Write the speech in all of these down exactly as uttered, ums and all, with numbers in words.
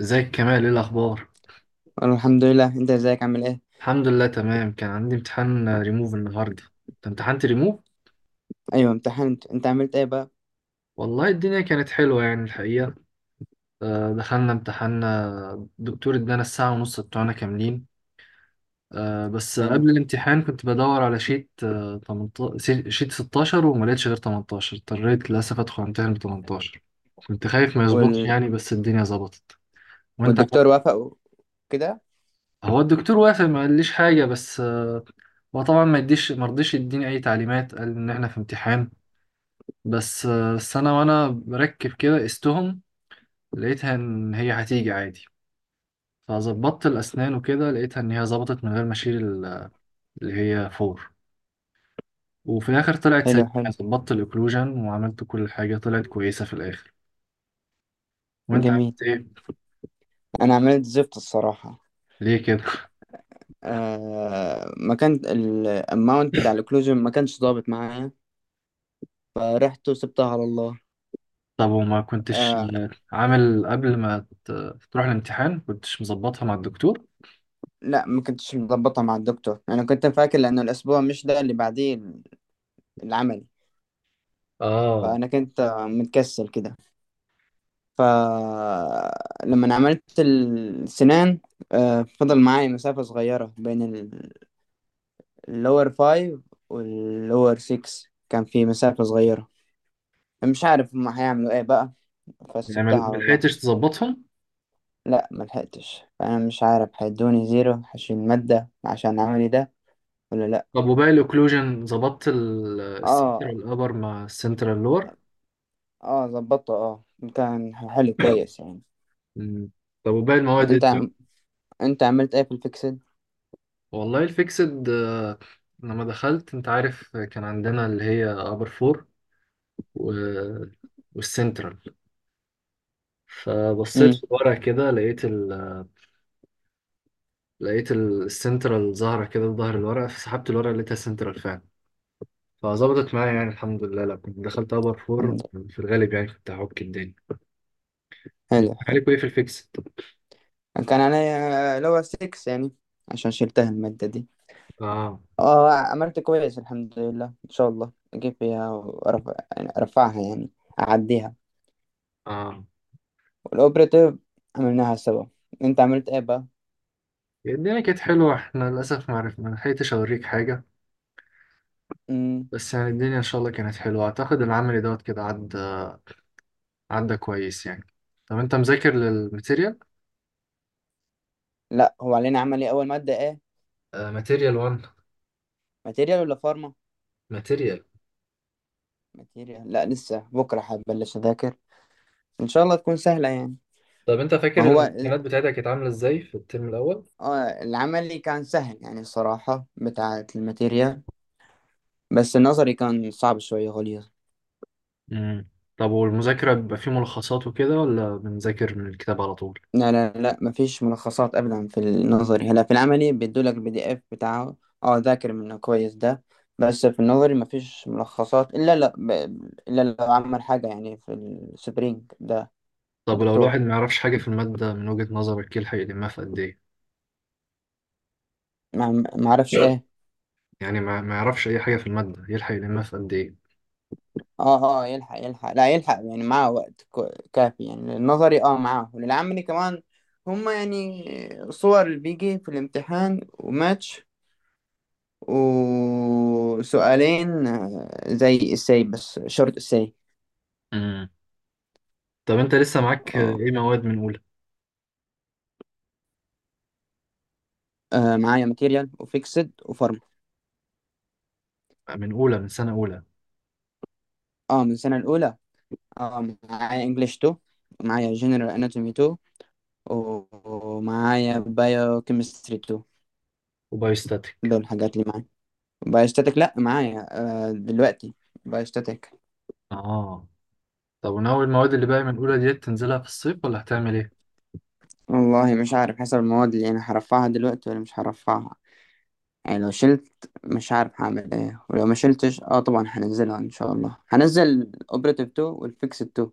ازيك كمال، ايه الاخبار؟ انا الحمد لله، انت ازيك؟ عامل ايه؟ الحمد لله، تمام. كان عندي امتحان ريموف النهارده. انت امتحنت ريموف؟ ايوه امتحنت. انت عملت ايه بقى؟ والله الدنيا كانت حلوه يعني الحقيقه. آه، دخلنا امتحان. دكتور ادانا الساعه ونص بتوعنا كاملين. آه، بس حلو. قبل الامتحان كنت بدور على شيت، آه، تمنتاشر شيت ستاشر، وما لقيتش غير تمنتاشر. اضطريت للاسف ادخل امتحان ب ثمانية عشر. كنت خايف ما يظبطش وال... يعني، بس الدنيا ظبطت. وانت والدكتور عملت إيه؟ وافق وكده. هو الدكتور وافق، ما قاليش حاجه، بس آه، هو طبعا ما يديش، ما رضيش يديني اي تعليمات، قال ان احنا في امتحان. بس آه، بس انا وانا بركب كده قستهم، لقيتها ان هي هتيجي عادي. فظبطت الاسنان وكده، لقيتها ان هي ظبطت من غير ما اشيل ال- اللي هي فور. وفي الاخر طلعت حلو سليمه حلو. يعني، ظبطت الاوكلوجن وعملت كل حاجه، طلعت كويسه في الاخر. وانت جميل. عملت ايه؟ انا عملت زفت الصراحه. ليه كده؟ آه... ما كان الاماونت بتاع الكلوجن، ما كانش ظابط معايا، فرحت وسبتها على الله. طب، وما كنتش آه... آه، عامل قبل ما ت- تروح الامتحان؟ كنتش مظبطها مع الدكتور؟ لا، ما كنتش مظبطها مع الدكتور. انا كنت فاكر لانه الاسبوع مش ده اللي بعديه العملي. اه. فانا كنت آه، متكسل كده. فلما عملت السنان، آه، فضل معايا مسافة صغيرة بين اللور فايف واللور سيكس، كان في مسافة صغيرة. مش عارف هما هيعملوا ايه بقى، يعني ما فسبتها ما على الله. لحقتش تظبطهم. لا، ملحقتش. فأنا مش عارف هيدوني زيرو، هشيل مادة عشان عملي ده ولا لأ. طب وباقي الاوكلوجن، ظبطت ال- اه. السنترال ابر مع السنترال لور؟ اه، ظبطته، اه. كان حلو كويس يعني. مم. طب وباقي المواد ايه وانت الدنيا؟ انت عملت ايه في الفيكسد؟ والله الفيكسد، آه، لما دخلت انت عارف كان عندنا اللي هي ابر فور و... والسنترال. فبصيت امم. في الورق كده، لقيت ال... لقيت ال- السنترال ظاهرة كده في ظهر الورقة، فسحبت الورقة لقيتها سنترال فعلا. فظبطت معايا يعني الحمد لله، لما كنت دخلت ابر فور الحمد لله. في الغالب يعني كنت هعك الدنيا. انت حلو حلو. عليكوا ايه في الفيكسد؟ كان عليا اللي هو ستة يعني، عشان شلتها المادة دي. اه، اه، عملت كويس الحمد لله. ان شاء الله اجيب فيها وارفع يعني، ارفعها يعني، اعديها. اه. والاوبريتيف عملناها سوا. انت عملت ايه بقى؟ الدنيا كانت حلوة، احنا للأسف ما عرفنا، ما لحقتش أوريك حاجة. امم. بس يعني الدنيا ان شاء الله كانت حلوه، اعتقد العملي دوت كده عدى، عدى كويس يعني. طب انت مذاكر للماتيريال؟ لا، هو علينا عملي اول مادة ايه؟ آه، ماتيريال واحد. ماتيريال ولا فارما؟ ماتيريال. ماتيريال. لا لسه، بكرة هبلش اذاكر. ان شاء الله تكون سهلة يعني. طب انت ما فاكر هو ال- الامتحانات بتاعتك كانت عامله ازاي في الترم الاول؟ آه، العملي كان سهل يعني الصراحة بتاعة الماتيريال. بس النظري كان صعب شوية، غليظ. امم. طب والمذاكره بيبقى فيه ملخصات وكده، ولا بنذاكر من الكتاب على طول؟ لا لا لا، مفيش ملخصات ابدا في النظري. هلا في العملي بيدولك البي دي اف بتاعه، اه، ذاكر منه كويس ده. بس في النظري مفيش ملخصات، الا لا ب... الا لو عمل حاجه يعني في السبرينج ده طب لو الواحد الدكتور. ما يعرفش حاجه في الماده، من وجهه نظرك يلحق يلمها في قد ايه؟ ما ما اعرفش ايه. يعني ما ما يعرفش اي حاجه في الماده، يلحق يلمها في قد ايه؟ اه اه، يلحق يلحق، لا يلحق يعني، معاه وقت كو- كافي يعني. النظري اه معاه وللعملي كمان. هما يعني صور اللي بيجي في الامتحان وماتش، وسؤالين آه، زي السي، بس شورت السي. امم. طب انت لسه معاك آه، اه، ايه مواد من اولى؟ آه، معايا ماتيريال وفيكسد وفارما. من اولى، من سنه اولى؟ اه، من السنة الأولى. اه، معايا انجلش تو، معايا جنرال اناتومي تو، و- ومعايا بايو كيمستري تو. وبايوستاتيك؟ دول الحاجات اللي معايا. بايوستاتيك لا معايا، آه دلوقتي بايوستاتيك. اه. طب، وناوي المواد اللي باقي من اولى ديت تنزلها في الصيف، ولا هتعمل ايه؟ والله مش عارف، حسب المواد اللي انا هرفعها دلوقتي ولا مش هرفعها. يعني لو شلت مش عارف هعمل ايه، ولو ما شلتش اه طبعا هنزلها ان شاء الله. هنزل اوبريتيف تو والفيكسد تو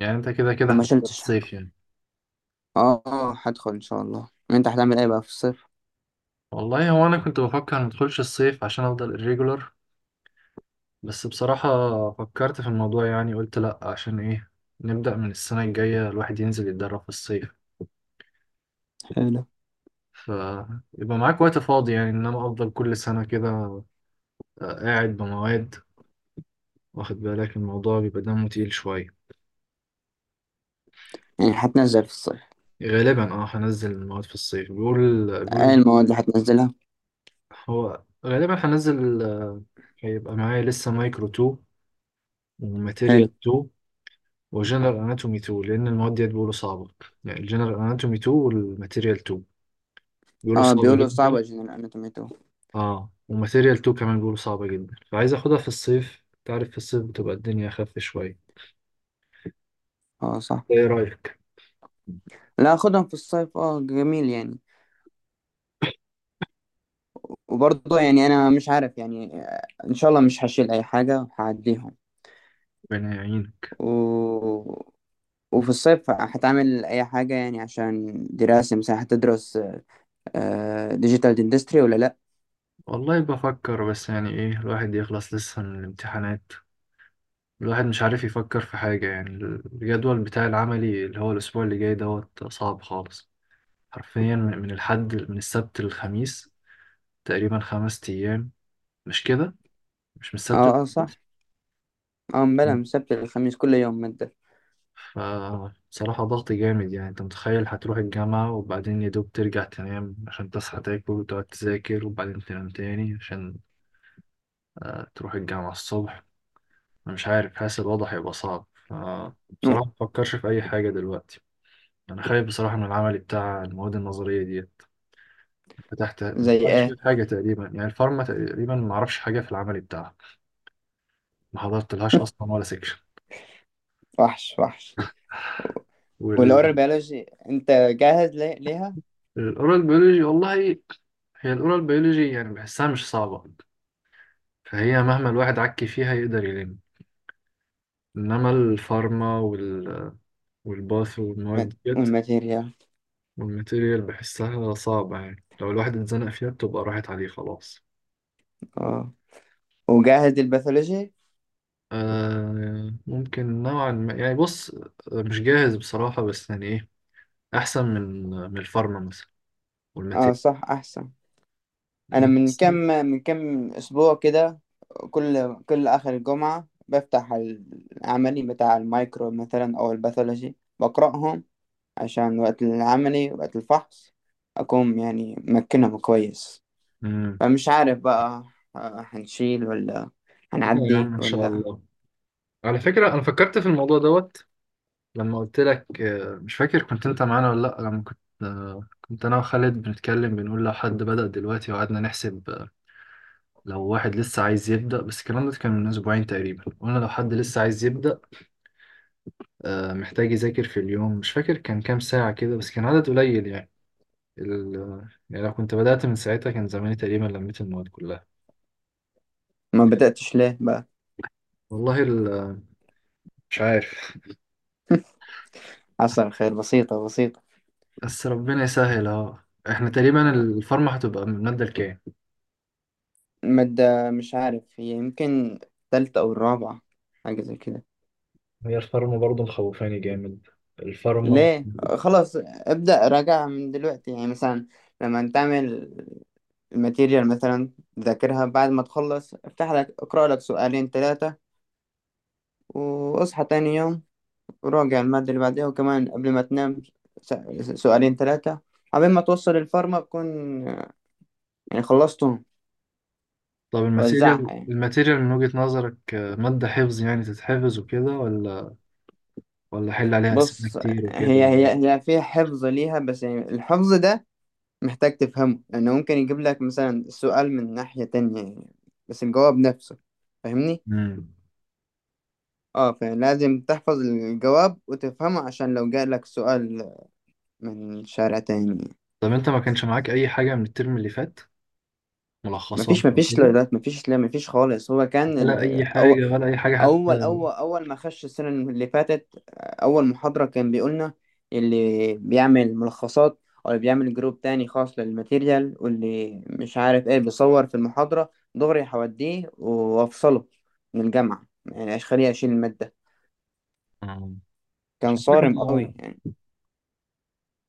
يعني انت كده كده لو ما هتحضر شلتش. الصيف يعني. اه، آه، هدخل ان شاء الله. انت هتعمل ايه بقى في الصيف؟ والله هو انا كنت بفكر ما ادخلش الصيف عشان افضل الريجولر. بس بصراحة، فكرت في الموضوع يعني، قلت لا، عشان ايه؟ نبدأ من السنة الجاية، الواحد ينزل يتدرب في الصيف، حلو. فيبقى معاك وقت فاضي يعني. انما افضل كل سنة كده، آه، قاعد بمواد، واخد بالك الموضوع بيبقى دمه تقيل شوية. يعني هتنزل في الصيف؟ غالبا، اه، هنزل المواد في الصيف، بيقول ايه بيقول. المواد اللي هتنزلها؟ هو غالبا هنزل، آه، هيبقى معايا لسه مايكرو اتنين وماتيريال حلو. اتنين وجنرال اناتومي اتنين، لان المواد ديت بيقولوا صعبه. يعني الجنرال اناتومي اتنين والماتيريال اتنين بيقولوا اه، صعبه بيقولوا جدا. صعبة جنرال اناتومي تو. اه، وماتيريال اتنين كمان بيقولوا صعبه جدا، فعايز اخدها في الصيف. تعرف في الصيف بتبقى الدنيا اخف شويه. اه صح. ايه رايك؟ لا، خدهم في الصيف، اه جميل يعني. وبرضه يعني انا مش عارف يعني، آه، ان شاء الله مش هشيل اي حاجة، هعديهم. ربنا يعينك. و... وفي الصيف هتعمل اي حاجة يعني؟ عشان دراسة مثلا؟ هتدرس ديجيتال اندستري ولا لا؟ والله بفكر، بس يعني ايه، الواحد يخلص لسه من الامتحانات، الواحد مش عارف يفكر في حاجة يعني. الجدول بتاع العملي اللي هو الأسبوع اللي جاي دوت صعب خالص. حرفيا، من من الحد، من السبت للخميس، تقريبا خمس أيام. مش كده؟ مش من اه السبت اه للخميس؟ صح. اه بلا، من السبت للخميس كل يوم مادة. فبصراحة ضغط جامد يعني. أنت متخيل هتروح الجامعة، وبعدين يا دوب ترجع تنام، عشان تصحى تاكل وتقعد تذاكر، وبعدين تنام تاني عشان آه، تروح الجامعة الصبح. أنا مش عارف، حاسس الوضع هيبقى صعب، أو، فبصراحة مفكرش في أي حاجة دلوقتي. أنا خايف بصراحة من العمل بتاع المواد النظرية ديت. فتحت، زي معرفش فيه ايه؟ حاجة تقريبا يعني. الفارما تقريبا معرفش حاجة في العمل بتاعها، ما حضرتلهاش اصلا ولا سكشن. وحش وحش. والأورال والاورال بيولوجي، أنت جاهز لي- ليها؟ بيولوجي، والله هي الاورال بيولوجي يعني بحسها مش صعبة، فهي مهما الواحد عكي فيها يقدر يلم. انما الفارما وال... والباث مات- والمواد ديت، والماتيريال؟ والماتيريال بحسها صعبة يعني، لو الواحد اتزنق فيها بتبقى راحت عليه خلاص. اه، وجاهز للباثولوجي؟ آه ممكن نوعا ما يعني. بص، مش جاهز بصراحة، بس يعني ايه، احسن من من الفارما مثلا، اه والماتيريال. صح، أحسن. أنا من كم من كم أسبوع كده، كل كل آخر الجمعة بفتح العملي بتاع المايكرو مثلا أو الباثولوجي، بقرأهم عشان وقت العملي، وقت الفحص، أكون يعني مكنهم كويس. مم. فمش عارف بقى، آه، هنشيل ولا لا يا هنعدي عم، ان شاء ولا. الله. على فكرة أنا فكرت في الموضوع دوت لما قلت لك. آه، مش فاكر كنت أنت معانا ولا لأ. لما كنت آه، كنت أنا وخالد بنتكلم، بنقول لو حد بدأ دلوقتي، وقعدنا نحسب، آه، لو واحد لسه عايز يبدأ. بس الكلام ده كان من أسبوعين تقريبا، قلنا لو حد لسه عايز يبدأ آه، محتاج يذاكر في اليوم، مش فاكر كان كام ساعة كده، بس كان عدد قليل يعني. ال... آه، يعني لو كنت بدأت من ساعتها، كان زماني تقريبا لميت المواد كلها. ما بدأتش ليه بقى؟ والله ال... آه، مش عارف. حصل خير، بسيطة بسيطة. بس ربنا يسهل أهو. احنا تقريبا الفورمة هتبقى من المادة الكام؟ مادة مش عارف، هي يمكن التالتة أو الرابعة، حاجة زي كده. هي الفارما برضه مخوفاني جامد. الفارما. ليه؟ خلاص ابدأ راجعها من دلوقتي يعني، مثلا لما تعمل الماتيريال مثلا، ذاكرها بعد ما تخلص، افتح لك اقرأ لك سؤالين ثلاثة، واصحى تاني يوم وراجع المادة اللي بعدها، وكمان قبل ما تنام س- سؤالين ثلاثة. قبل ما توصل الفارما بكون يعني خلصتهم. طب الماتيريال وزعها يعني. الماتيريال من وجهة نظرك، آه، مادة حفظ يعني تتحفظ وكده، ولا ولا حل عليها أسئلة بص، كتير هي وكده؟ هي هي فيها حفظ ليها، بس يعني الحفظ ده محتاج تفهمه، لأنه ممكن يجيب لك مثلا السؤال من ناحية تانية يعني، بس الجواب نفسه، فاهمني؟ مم. اه، فلازم تحفظ الجواب وتفهمه، عشان لو جاء لك سؤال من شارع تاني. طب أنت ما كانش معاك أي حاجة من الترم اللي فات؟ ملخصات مفيش أو مفيش، كده؟ لا مفيش، لا مفيش خالص. هو كان ولا ال- أي أو، حاجة، ولا أي حاجة اول حتى؟ اول اول ما خش السنه اللي فاتت اول محاضره، كان بيقولنا اللي بيعمل ملخصات او اللي بيعمل جروب تاني خاص للماتيريال واللي مش عارف ايه بيصور في المحاضره دغري هوديه وافصله من الجامعه، يعني خليه اشيل الماده. آه، كان مش عارف صارم أنا. قوي يعني.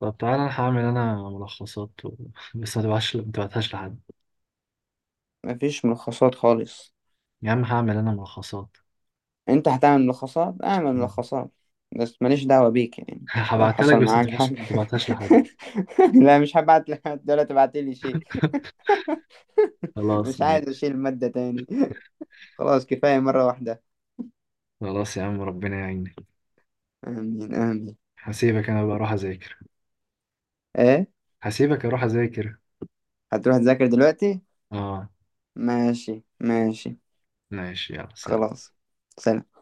طب، تعالى أنا هعمل أنا ملخصات و... بس ما تبعتش ما تبعتهاش لحد. مفيش ملخصات خالص. يا عم هعمل أنا ملخصات. انت هتعمل ملخصات؟ اعمل مم. ملخصات، بس ماليش دعوة بيك يعني. لو هبعتها لك، حصل بس ما معاك حاجة تبعتهاش ما تبعتهاش لحد. لا، مش هبعت لك دلوقتي تبعتلي شيء. خلاص. مش عايز اشيل المادة تاني خلاص كفاية مرة واحدة. خلاص يا عم، ربنا يعينك. امين امين. هسيبك انا بقى، اروح اذاكر. ايه؟ هسيبك اروح اذاكر. هتروح تذاكر دلوقتي؟ اه، ماشي ماشي. ماشي، يلا، سلام. خلاص. سلام.